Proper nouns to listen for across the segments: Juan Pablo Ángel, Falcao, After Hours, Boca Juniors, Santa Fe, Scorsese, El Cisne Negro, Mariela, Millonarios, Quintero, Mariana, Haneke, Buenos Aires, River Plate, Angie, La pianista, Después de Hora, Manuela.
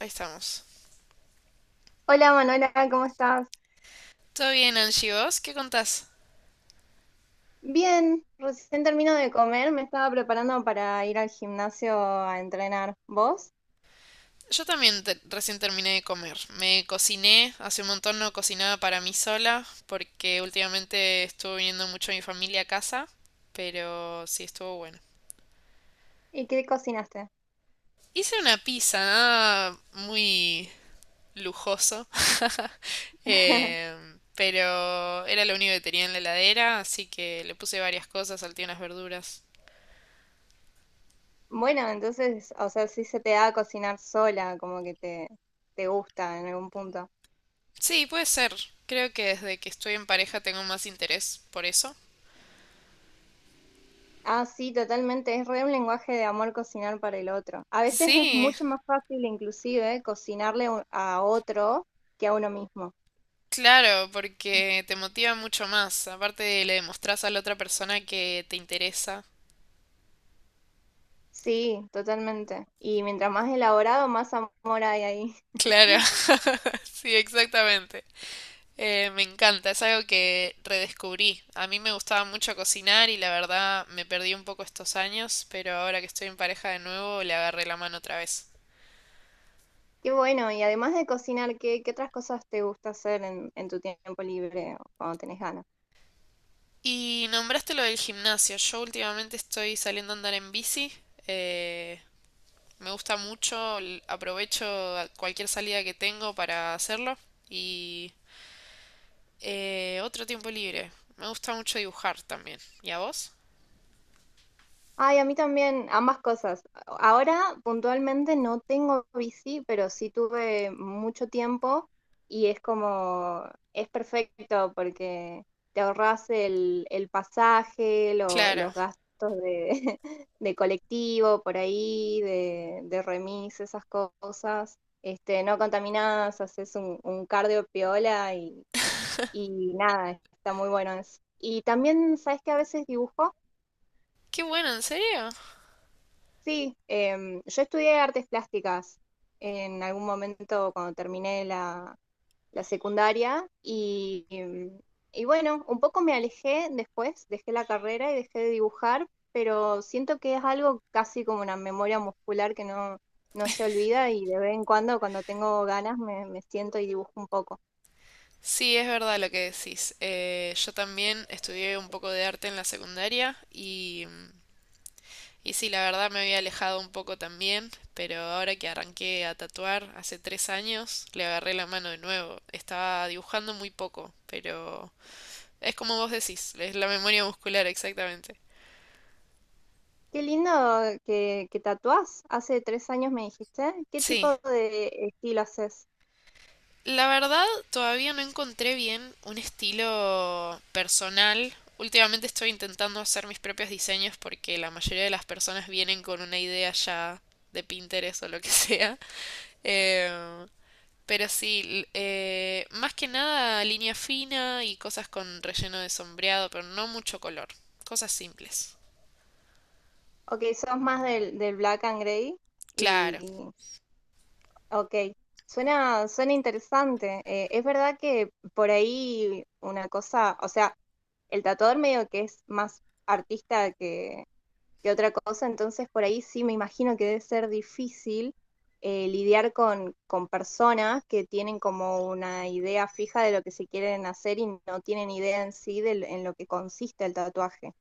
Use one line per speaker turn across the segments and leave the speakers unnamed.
Ahí estamos.
Hola Manuela, ¿cómo estás?
¿Todo bien, Angie? ¿Vos qué contás?
Bien, recién termino de comer, me estaba preparando para ir al gimnasio a entrenar. ¿Vos?
Yo también recién terminé de comer. Me cociné, hace un montón no cocinaba para mí sola, porque últimamente estuvo viniendo mucho mi familia a casa, pero sí estuvo bueno.
¿Y qué cocinaste?
Hice una pizza, nada muy lujoso, pero era lo único que tenía en la heladera, así que le puse varias cosas, salteé unas verduras.
Bueno, entonces, o sea, sí se te da cocinar sola, como que te gusta en algún punto.
Sí, puede ser. Creo que desde que estoy en pareja tengo más interés por eso.
Ah, sí, totalmente, es re un lenguaje de amor cocinar para el otro. A veces es
Sí.
mucho más fácil inclusive cocinarle a otro que a uno mismo.
Claro, porque te motiva mucho más. Aparte, le demostrás a la otra persona que te interesa.
Sí, totalmente. Y mientras más elaborado, más amor hay ahí.
Claro. Sí, exactamente. Me encanta, es algo que redescubrí. A mí me gustaba mucho cocinar y la verdad me perdí un poco estos años, pero ahora que estoy en pareja de nuevo le agarré la mano otra vez.
Qué bueno, y además de cocinar, ¿qué otras cosas te gusta hacer en tu tiempo libre o cuando tenés ganas?
Y nombraste lo del gimnasio. Yo últimamente estoy saliendo a andar en bici. eh, Me gusta mucho, aprovecho cualquier salida que tengo para hacerlo. Otro tiempo libre. Me gusta mucho dibujar también. ¿Y a vos?
Ay, a mí también, ambas cosas. Ahora puntualmente no tengo bici, pero sí tuve mucho tiempo y es como, es perfecto porque te ahorras el pasaje,
Claro.
los gastos de, de colectivo por ahí, de remis, esas cosas. Este, no contaminás, haces un cardio piola y, Y nada, está muy bueno eso. Y también, ¿sabes que a veces dibujo?
Qué bueno, ¿en serio?
Sí, yo estudié artes plásticas en algún momento cuando terminé la secundaria y bueno, un poco me alejé después, dejé la carrera y dejé de dibujar, pero siento que es algo casi como una memoria muscular que no se olvida y de vez en cuando, cuando tengo ganas, me siento y dibujo un poco.
Sí, es verdad lo que decís. Yo también estudié un poco de arte en la secundaria y sí, la verdad me había alejado un poco también, pero ahora que arranqué a tatuar hace tres años, le agarré la mano de nuevo. Estaba dibujando muy poco, pero es como vos decís, es la memoria muscular exactamente.
Qué lindo que tatuás. Hace 3 años me dijiste. ¿Qué
Sí.
tipo de estilo haces?
La verdad, todavía no encontré bien un estilo personal. Últimamente estoy intentando hacer mis propios diseños porque la mayoría de las personas vienen con una idea ya de Pinterest o lo que sea. Eh, pero sí, más que nada línea fina y cosas con relleno de sombreado, pero no mucho color. Cosas simples.
Ok, sos más del black and gray.
Claro.
Y ok, suena interesante. Es verdad que por ahí una cosa, o sea, el tatuador medio que es más artista que otra cosa. Entonces, por ahí sí me imagino que debe ser difícil lidiar con personas que tienen como una idea fija de lo que se quieren hacer y no tienen idea en sí de, en lo que consiste el tatuaje.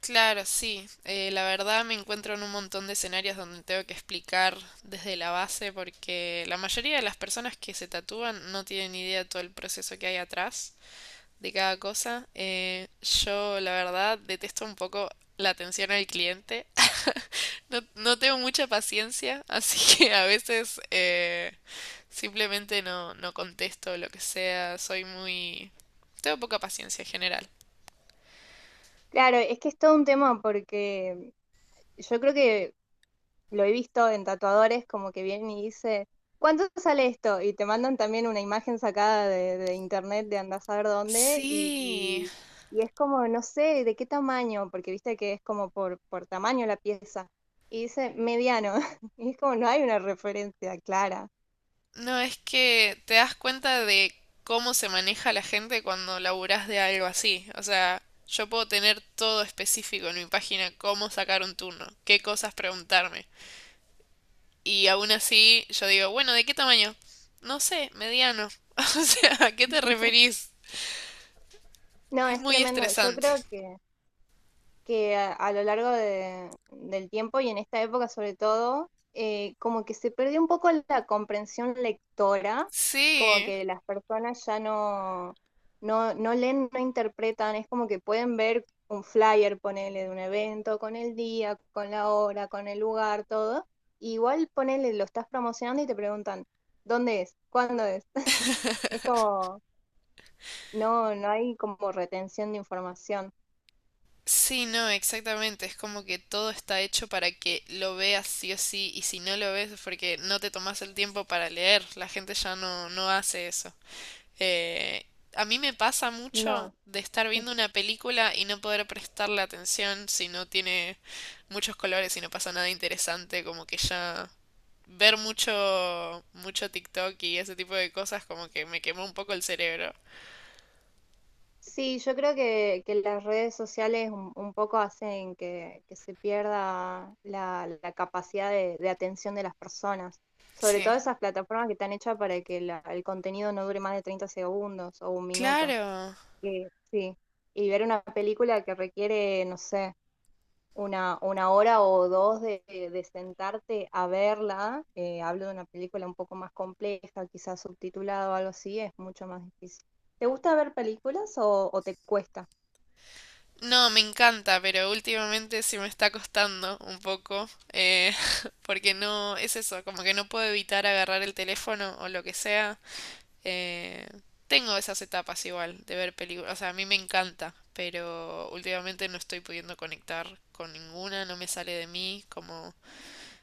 Claro, sí. La verdad me encuentro en un montón de escenarios donde tengo que explicar desde la base porque la mayoría de las personas que se tatúan no tienen ni idea de todo el proceso que hay atrás de cada cosa. Yo, la verdad, detesto un poco la atención al cliente. No, no tengo mucha paciencia, así que a veces simplemente no, no contesto lo que sea. Soy muy... Tengo poca paciencia en general.
Claro, es que es todo un tema porque yo creo que lo he visto en tatuadores como que vienen y dice, ¿cuánto sale esto? Y te mandan también una imagen sacada de internet de andar a saber dónde y,
Sí.
y, y es como, no sé, de qué tamaño, porque viste que es como por tamaño la pieza. Y dice mediano, y es como no hay una referencia clara.
No, es que te das cuenta de cómo se maneja la gente cuando laburás de algo así. O sea, yo puedo tener todo específico en mi página, cómo sacar un turno, qué cosas preguntarme. Y aún así yo digo, bueno, ¿de qué tamaño? No sé, mediano. O sea, ¿a qué te referís?
No,
Es
es
muy
tremendo. Yo
estresante.
creo que a lo largo del tiempo y en esta época sobre todo, como que se perdió un poco la comprensión lectora, como
Sí.
que las personas ya no leen, no interpretan, es como que pueden ver un flyer, ponele, de un evento, con el día, con la hora, con el lugar, todo. Y igual ponele, lo estás promocionando y te preguntan, ¿dónde es? ¿Cuándo es? Es como, no hay como retención de información.
Sí, no, exactamente. Es como que todo está hecho para que lo veas sí o sí, y si no lo ves es porque no te tomas el tiempo para leer. La gente ya no, no hace eso. Eh, a mí me pasa mucho
No.
de estar viendo una película y no poder prestarle atención si no tiene muchos colores y no pasa nada interesante, como que ya ver mucho, mucho TikTok y ese tipo de cosas como que me quemó un poco el cerebro.
Sí, yo creo que las redes sociales un poco hacen que se pierda la capacidad de atención de las personas, sobre todo
Sí.
esas plataformas que están hechas para que el contenido no dure más de 30 segundos o 1 minuto.
Claro.
Sí, y ver una película que requiere, no sé, una hora o dos de sentarte a verla, hablo de una película un poco más compleja, quizás subtitulada o algo así, es mucho más difícil. ¿Te gusta ver películas o te cuesta?
No, me encanta, pero últimamente sí me está costando un poco, porque no, es eso, como que no puedo evitar agarrar el teléfono o lo que sea. eh, Tengo esas etapas igual de ver películas, o sea, a mí me encanta, pero últimamente no estoy pudiendo conectar con ninguna, no me sale de mí como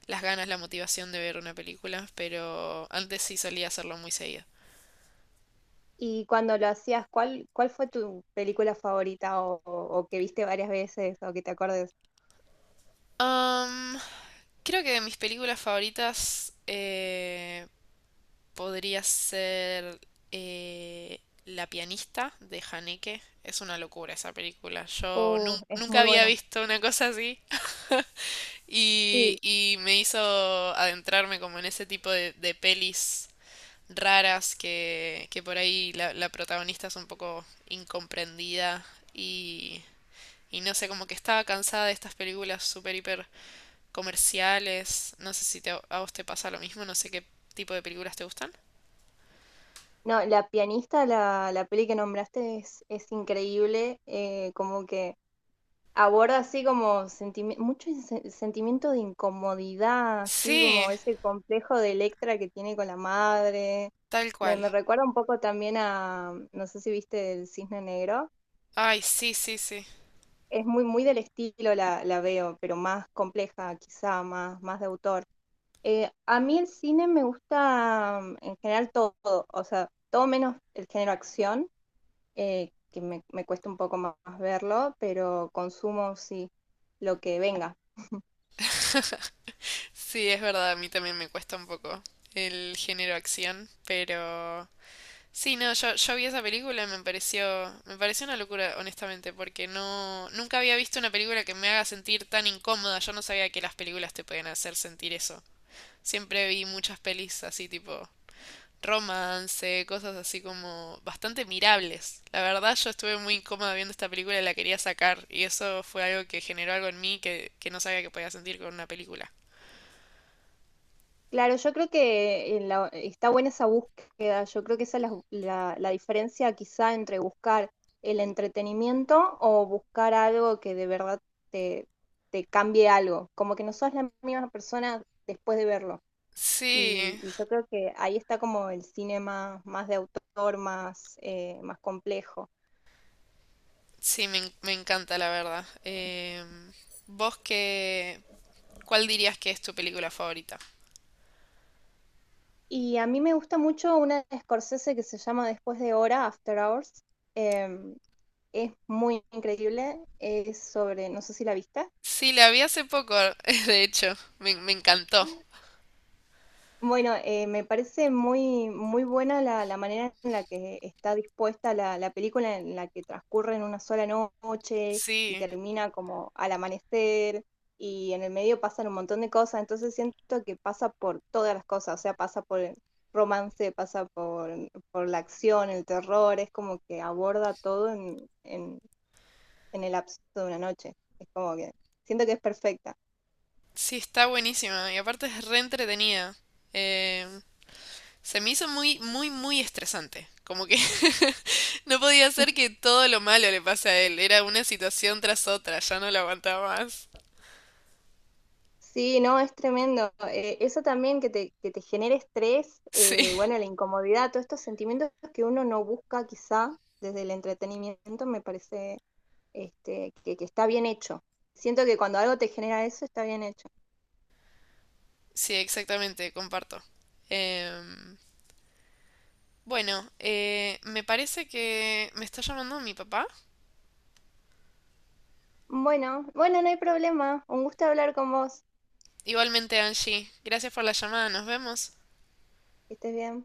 las ganas, la motivación de ver una película, pero antes sí solía hacerlo muy seguido.
Y cuando lo hacías, ¿cuál fue tu película favorita o que viste varias veces o que te acuerdes?
Am, Creo que de mis películas favoritas, podría ser eh, La pianista de Haneke. Es una locura esa película. Yo
Oh, es
nunca
muy
había
buena.
visto una cosa así
Sí.
y me hizo adentrarme como en ese tipo de pelis raras que por ahí la, la protagonista es un poco incomprendida y, y no sé, como que estaba cansada de estas películas super hiper comerciales. No sé si a vos te pasa lo mismo, no sé qué tipo de películas te gustan.
No, La pianista, la peli que nombraste es increíble, como que aborda así como mucho sentimiento de incomodidad, así como
Sí,
ese complejo de Electra que tiene con la madre.
tal
Me,
cual.
me recuerda un poco también a, no sé si viste El Cisne Negro.
Ay, sí, sí, sí.
Es muy, muy del estilo la veo, pero más compleja, quizá, más, más de autor. A mí el cine me gusta en general todo, o sea, todo menos el género acción, que me cuesta un poco más, más verlo, pero consumo sí lo que venga.
Sí, es verdad, a mí también me cuesta un poco el género acción, pero sí, no, yo vi esa película y me pareció una locura, honestamente, porque no, nunca había visto una película que me haga sentir tan incómoda. Yo no sabía que las películas te podían hacer sentir eso. Siempre vi muchas pelis así tipo romance, cosas así como bastante mirables. La verdad, yo estuve muy incómoda viendo esta película y la quería sacar, y eso fue algo que generó algo en mí que no sabía que podía sentir con una película.
Claro, yo creo que está buena esa búsqueda. Yo creo que esa es la diferencia quizá entre buscar el entretenimiento o buscar algo que de verdad te, te cambie algo. Como que no sos la misma persona después de verlo.
Sí,
Y yo creo que ahí está como el cine más, más de autor, más complejo.
sí, me encanta la verdad. ¿Vos qué, cuál dirías que es tu película favorita?
Y a mí me gusta mucho una de Scorsese que se llama Después de Hora, After Hours. Eh, es muy increíble. Es sobre, no sé si la viste.
Sí, la vi hace poco, de hecho, me encantó.
Bueno, me parece muy, muy buena la manera en la que está dispuesta la película, en la que transcurre en una sola noche y
Sí,
termina como al amanecer y en el medio pasan un montón de cosas, entonces siento que pasa por todas las cosas, o sea, pasa por el romance, pasa por la acción, el terror, es como que aborda todo en el lapso de una noche, es como que siento que es perfecta.
sí, está buenísima y aparte es re entretenida. Em, se me hizo muy, muy, muy estresante. Como que no podía ser que todo lo malo le pase a él. Era una situación tras otra, ya no la aguantaba más.
Sí, no, es tremendo. Eso también que te genere estrés,
Sí,
bueno, la incomodidad, todos estos sentimientos que uno no busca quizá desde el entretenimiento, me parece este, que está bien hecho. Siento que cuando algo te genera eso, está bien hecho.
sí, exactamente, comparto. Em, Bueno, me parece que me está llamando mi papá.
Bueno, bueno, no hay problema. Un gusto hablar con vos.
Igualmente, Angie, gracias por la llamada, nos vemos.
Que estés bien.